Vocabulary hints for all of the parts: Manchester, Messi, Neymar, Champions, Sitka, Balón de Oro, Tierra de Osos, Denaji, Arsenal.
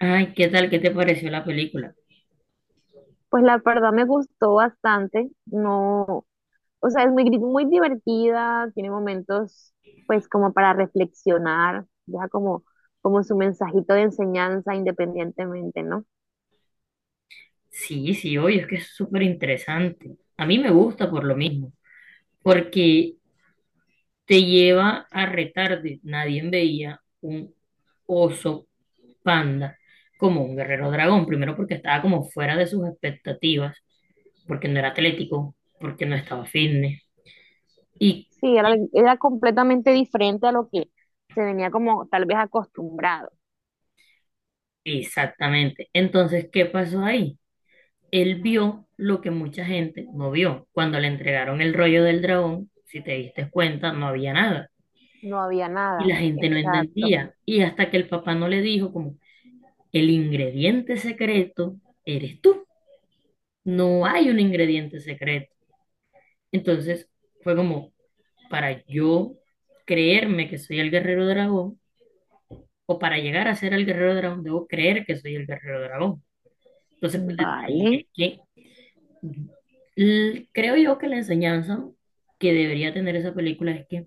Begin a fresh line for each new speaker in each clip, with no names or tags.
Ay, ¿qué tal? ¿Qué te pareció la película?
Pues la verdad me gustó bastante, no, o sea, es muy, muy divertida, tiene momentos pues como para reflexionar, deja como, como su mensajito de enseñanza independientemente, ¿no?
Sí, sí, oye, es que es súper interesante. A mí me gusta por lo mismo, porque te lleva a retarde. Nadie veía un oso panda como un guerrero dragón. Primero porque estaba como fuera de sus expectativas, porque no era atlético, porque no estaba fitness. Y
Sí, era completamente diferente a lo que se venía como tal vez acostumbrado,
exactamente. Entonces, ¿qué pasó ahí? Él vio lo que mucha gente no vio. Cuando le entregaron el rollo del dragón, si te diste cuenta, no había nada.
no había
Y
nada,
la gente no
exacto,
entendía. Y hasta que el papá no le dijo como, el ingrediente secreto eres tú. No hay un ingrediente secreto. Entonces fue como, para yo creerme que soy el guerrero dragón, o para llegar a ser el guerrero dragón, debo creer que soy el guerrero dragón. Entonces, pues desde ahí
vale.
es que creo yo que la enseñanza que debería tener esa película es que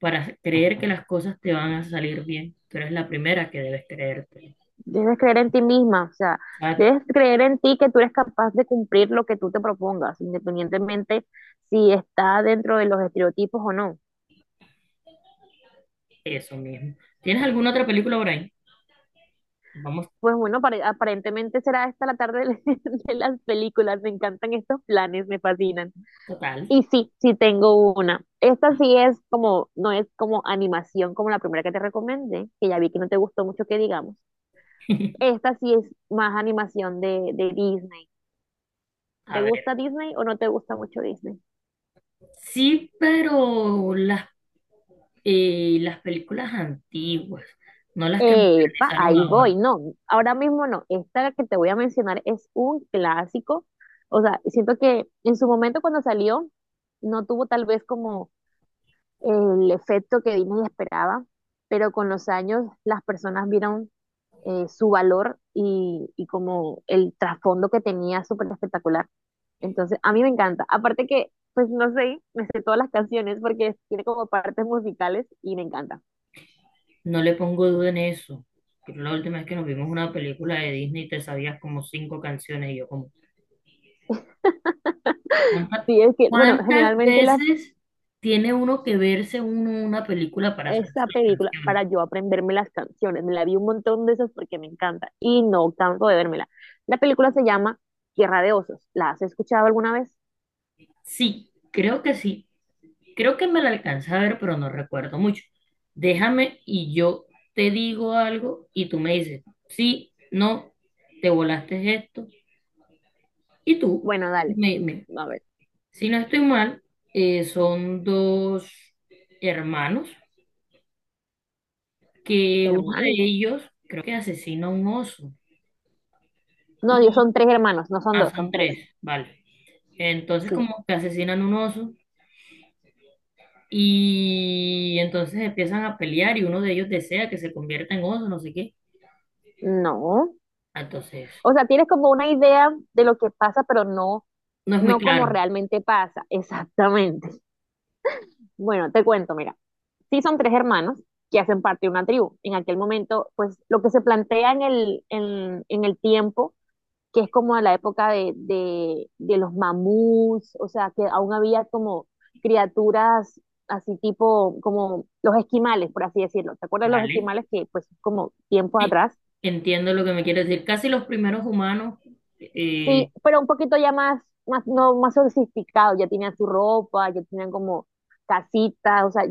para creer que las cosas te van a salir bien, tú eres la primera que debes creerte.
Debes creer en ti misma, o sea, debes creer en ti que tú eres capaz de cumplir lo que tú te propongas, independientemente si está dentro de los estereotipos o no.
Eso mismo. ¿Tienes alguna otra película por ahí? Vamos
Pues bueno, aparentemente será esta la tarde de de las películas. Me encantan estos planes, me fascinan.
total.
Y sí, sí tengo una. Esta sí es como, no es como animación como la primera que te recomendé, que ya vi que no te gustó mucho que digamos. Esta sí es más animación de Disney. ¿Te
A ver.
gusta Disney o no te gusta mucho Disney?
Sí, pero las películas antiguas, no las que
Epa,
modernizaron
ahí voy.
ahora.
No, ahora mismo no. Esta que te voy a mencionar es un clásico. O sea, siento que en su momento cuando salió no tuvo tal vez como el efecto que Disney esperaba, pero con los años las personas vieron su valor y como el trasfondo que tenía súper espectacular. Entonces, a mí me encanta. Aparte que, pues no sé, me sé todas las canciones porque tiene como partes musicales y me encanta.
No le pongo duda en eso. Pero la última vez que nos vimos una película de Disney te sabías como cinco canciones y yo como, ¿cuántas,
Sí, es que, bueno,
cuántas
generalmente las
veces tiene uno que verse uno una película para
esa
saberse las
película para
canciones?
yo aprenderme las canciones. Me la vi un montón de esas porque me encanta y no canso de vérmela. La película se llama Tierra de Osos. ¿La has escuchado alguna vez?
Sí. Creo que me la alcancé a ver, pero no recuerdo mucho. Déjame y yo te digo algo y tú me dices, sí, no, te volaste esto. Y tú,
Bueno, dale.
me, me-
A ver,
si no estoy mal, son dos hermanos que uno de
hermano.
ellos creo que asesina a un oso.
No, Dios,
Y
son tres hermanos, no son
ah,
dos,
son
son tres.
tres, vale. Entonces
Sí,
como que asesinan un oso y entonces empiezan a pelear y uno de ellos desea que se convierta en oso, no sé qué.
no.
Entonces...
O sea, tienes como una idea de lo que pasa, pero no,
No es muy
no como
claro,
realmente pasa. Exactamente. Bueno, te cuento, mira. Sí son tres hermanos que hacen parte de una tribu. En aquel momento, pues lo que se plantea en el tiempo que es como a la época de los mamuts, o sea, que aún había como criaturas así tipo, como los esquimales, por así decirlo. ¿Te acuerdas de los
¿vale?
esquimales que pues como tiempos
Sí,
atrás?
entiendo lo que me quieres decir. Casi los primeros humanos,
Sí,
eh,
pero un poquito ya más, más, no, más sofisticado, ya tenían su ropa, ya tenían como casitas, o sea,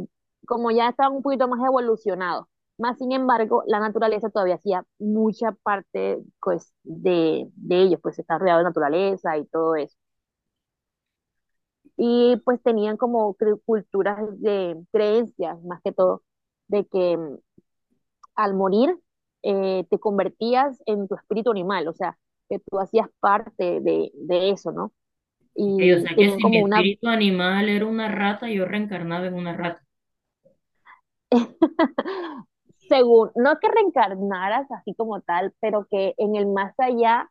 como ya estaban un poquito más evolucionados. Más sin embargo, la naturaleza todavía hacía mucha parte pues, de ellos, pues está rodeado de naturaleza y todo eso. Y pues tenían como culturas de creencias, más que todo, de que al morir te convertías en tu espíritu animal, o sea, que tú hacías parte de eso, ¿no?
ok, o
Y
sea que
tenían
si mi
como una,
espíritu animal era una rata, yo reencarnaba en una rata.
según, no que reencarnaras así como tal, pero que en el más allá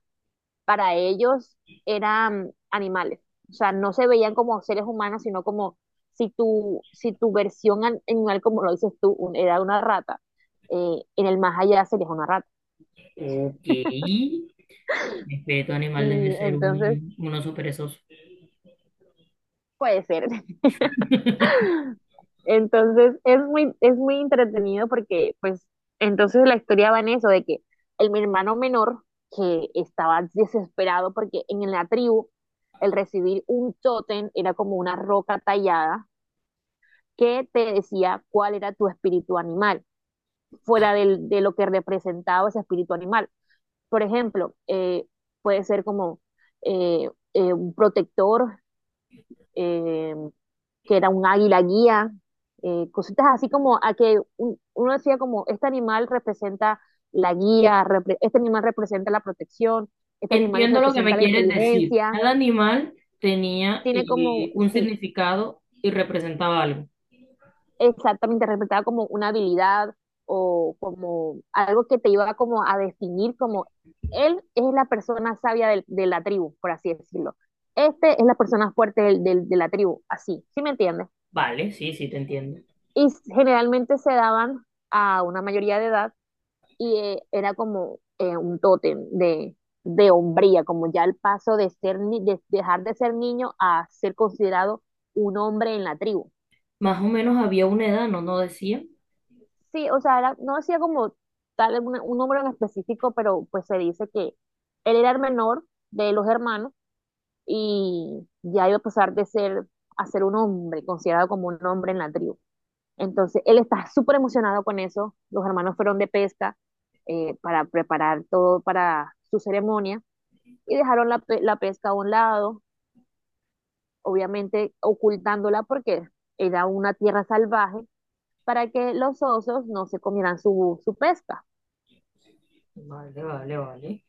para ellos eran animales. O sea, no se veían como seres humanos, sino como si tu versión animal, como lo dices tú, era una rata, en el más allá serías una rata.
Ok, mi espíritu animal debe
Y
ser
entonces,
un oso perezoso.
puede ser. Entonces, es muy entretenido porque, pues, entonces la historia va en eso, de que el mi hermano menor, que estaba desesperado porque en la tribu, el recibir un tótem era como una roca tallada que te decía cuál era tu espíritu animal, fuera del, de lo que representaba ese espíritu animal. Por ejemplo, puede ser como un protector, eh, que era un águila guía, cositas así como a que un, uno decía como, este animal representa la guía, repre este animal representa la protección, este animal
Entiendo lo que
representa
me
la
quieres decir.
inteligencia,
Cada animal tenía
tiene como,
un
sí,
significado y representaba algo.
exactamente interpretaba como una habilidad o como algo que te iba como a definir como él es la persona sabia de, la tribu, por así decirlo. Este es la persona fuerte de la tribu, así, ¿sí me entiendes?
Vale, sí, sí, te entiendo.
Y generalmente se daban a una mayoría de edad y era como un tótem de hombría, como ya el paso de ser de dejar de ser niño a ser considerado un hombre en la tribu.
Más o menos había una edad, ¿no? No decía.
Sí, o sea, no decía como tal un número en específico, pero pues se dice que él era el menor de los hermanos y ya iba a pasar de ser a ser un hombre, considerado como un hombre en la tribu. Entonces, él está súper emocionado con eso. Los hermanos fueron de pesca para preparar todo para su ceremonia y dejaron la, la pesca a un lado, obviamente ocultándola porque era una tierra salvaje para que los osos no se comieran su, su pesca.
Vale, vale, vale.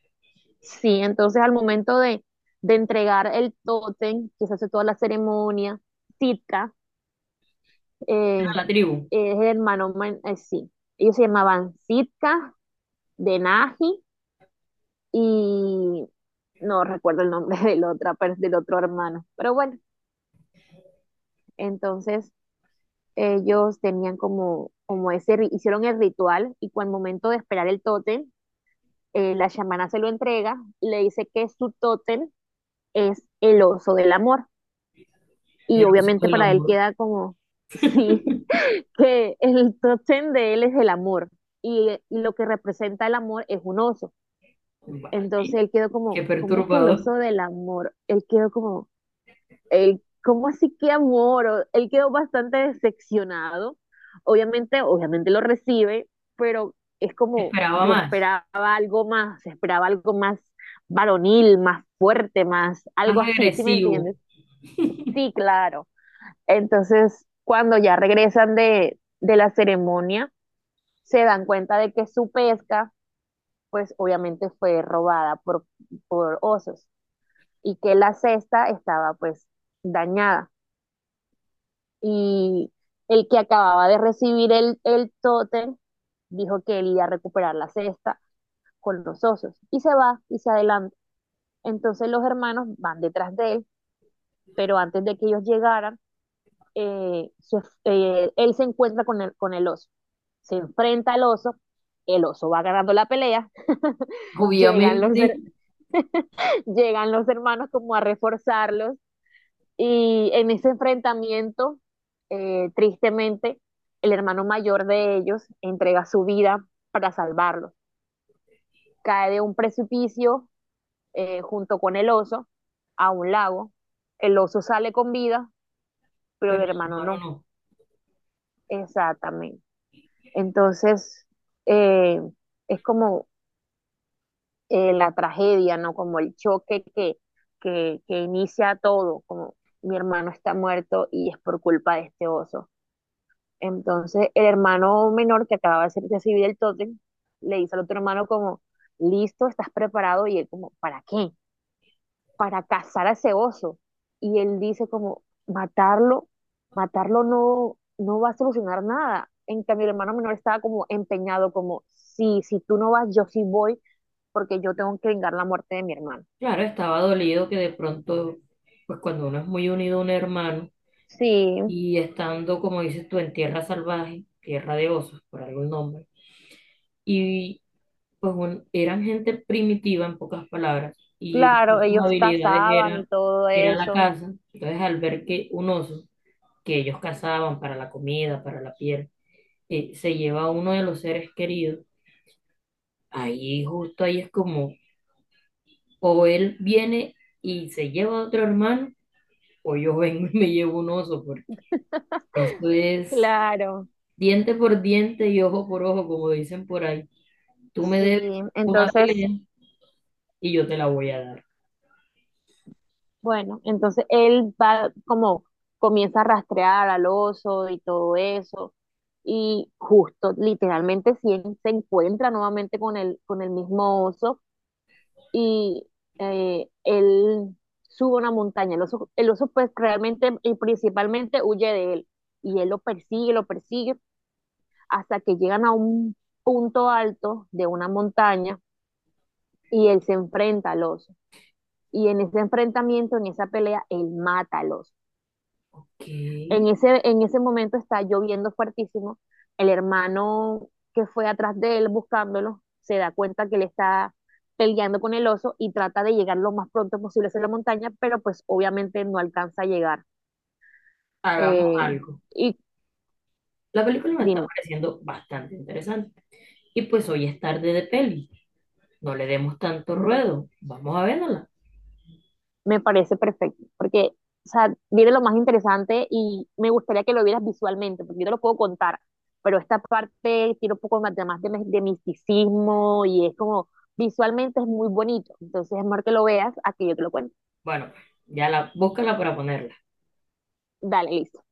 Sí, entonces al momento de entregar el tótem, que se hace toda la ceremonia, Sitka
Era
eh,
la tribu.
es el hermano, sí, ellos se llamaban Sitka, Denaji y no recuerdo el nombre del, otra, del otro hermano, pero bueno, entonces ellos tenían como, como ese, hicieron el ritual y cuando al momento de esperar el tótem, la chamana se lo entrega, le dice que su tótem es el oso del amor. Y
El uso
obviamente
del
para él
amor.
queda como, sí, que el top ten de él es el amor. Y lo que representa el amor es un oso.
Vale.
Entonces él quedó
Qué
como, ¿cómo que el
perturbador.
oso del amor? Él quedó como, él, ¿cómo así que amor? Él quedó bastante decepcionado. Obviamente, obviamente lo recibe, pero es como,
Esperaba
yo
más.
esperaba algo más varonil, más fuerte, más
Más
algo así, ¿sí me
agresivo,
entiendes? Sí, claro. Entonces, cuando ya regresan de la ceremonia, se dan cuenta de que su pesca, pues obviamente fue robada por osos y que la cesta estaba pues dañada. Y el que acababa de recibir el tótem dijo que él iba a recuperar la cesta con los osos y se va y se adelanta. Entonces los hermanos van detrás de él, pero antes de que ellos llegaran, eh, se- él se encuentra con el oso, se enfrenta al oso, el oso va ganando la pelea, llegan los,
obviamente,
llegan los hermanos como a reforzarlos y en ese enfrentamiento, tristemente, el hermano mayor de ellos entrega su vida para salvarlos. Cae de un precipicio junto con el oso a un lago. El oso sale con vida, pero
pero
el
el
hermano
hermano
no.
no.
Exactamente. Entonces, eh, es como la tragedia, ¿no? Como el choque que inicia todo, como mi hermano está muerto y es por culpa de este oso. Entonces, el hermano menor que acababa de recibir el tótem, le dice al otro hermano como, listo, estás preparado, y él como, ¿para qué? Para cazar a ese oso. Y él dice como, matarlo, matarlo no, no va a solucionar nada. En cambio, el hermano menor estaba como empeñado, como, sí, si tú no vas, yo sí voy, porque yo tengo que vengar la muerte de mi hermano.
Claro, estaba dolido que de pronto, pues cuando uno es muy unido a un hermano
Sí,
y estando, como dices tú, en tierra salvaje, tierra de osos, por algún nombre, y pues eran gente primitiva, en pocas palabras, y una de
claro,
sus
ellos
habilidades
cazaban y
era,
todo
era la
eso.
caza. Entonces, al ver que un oso que ellos cazaban para la comida, para la piel, se lleva a uno de los seres queridos, ahí justo ahí es como, o él viene y se lleva a otro hermano, o yo vengo y me llevo un oso, porque esto es
Claro,
diente por diente y ojo por ojo, como dicen por ahí. Tú me
sí.
debes una
Entonces,
pelea y yo te la voy a dar.
bueno, entonces él va como comienza a rastrear al oso y todo eso. Y justo, literalmente, si él se encuentra nuevamente con el mismo oso y él sube una montaña. El oso pues realmente y principalmente huye de él. Y él lo persigue, hasta que llegan a un punto alto de una montaña y él se enfrenta al oso. Y en ese enfrentamiento, en esa pelea, él mata al oso.
Ok,
En ese momento está lloviendo fuertísimo. El hermano que fue atrás de él buscándolo se da cuenta que él está peleando con el oso y trata de llegar lo más pronto posible hacia la montaña, pero pues obviamente no alcanza a llegar.
hagamos
Eh,
algo.
y
La película me está
dime,
pareciendo bastante interesante. Y pues hoy es tarde de peli. No le demos tanto ruedo. Vamos a verla.
me parece perfecto, porque, o sea, viene lo más interesante y me gustaría que lo vieras visualmente, porque yo te lo puedo contar, pero esta parte tiene un poco más de misticismo y es como, visualmente es muy bonito, entonces es mejor que lo veas a que yo te lo cuente.
Bueno, ya la, búscala para ponerla.
Dale, listo.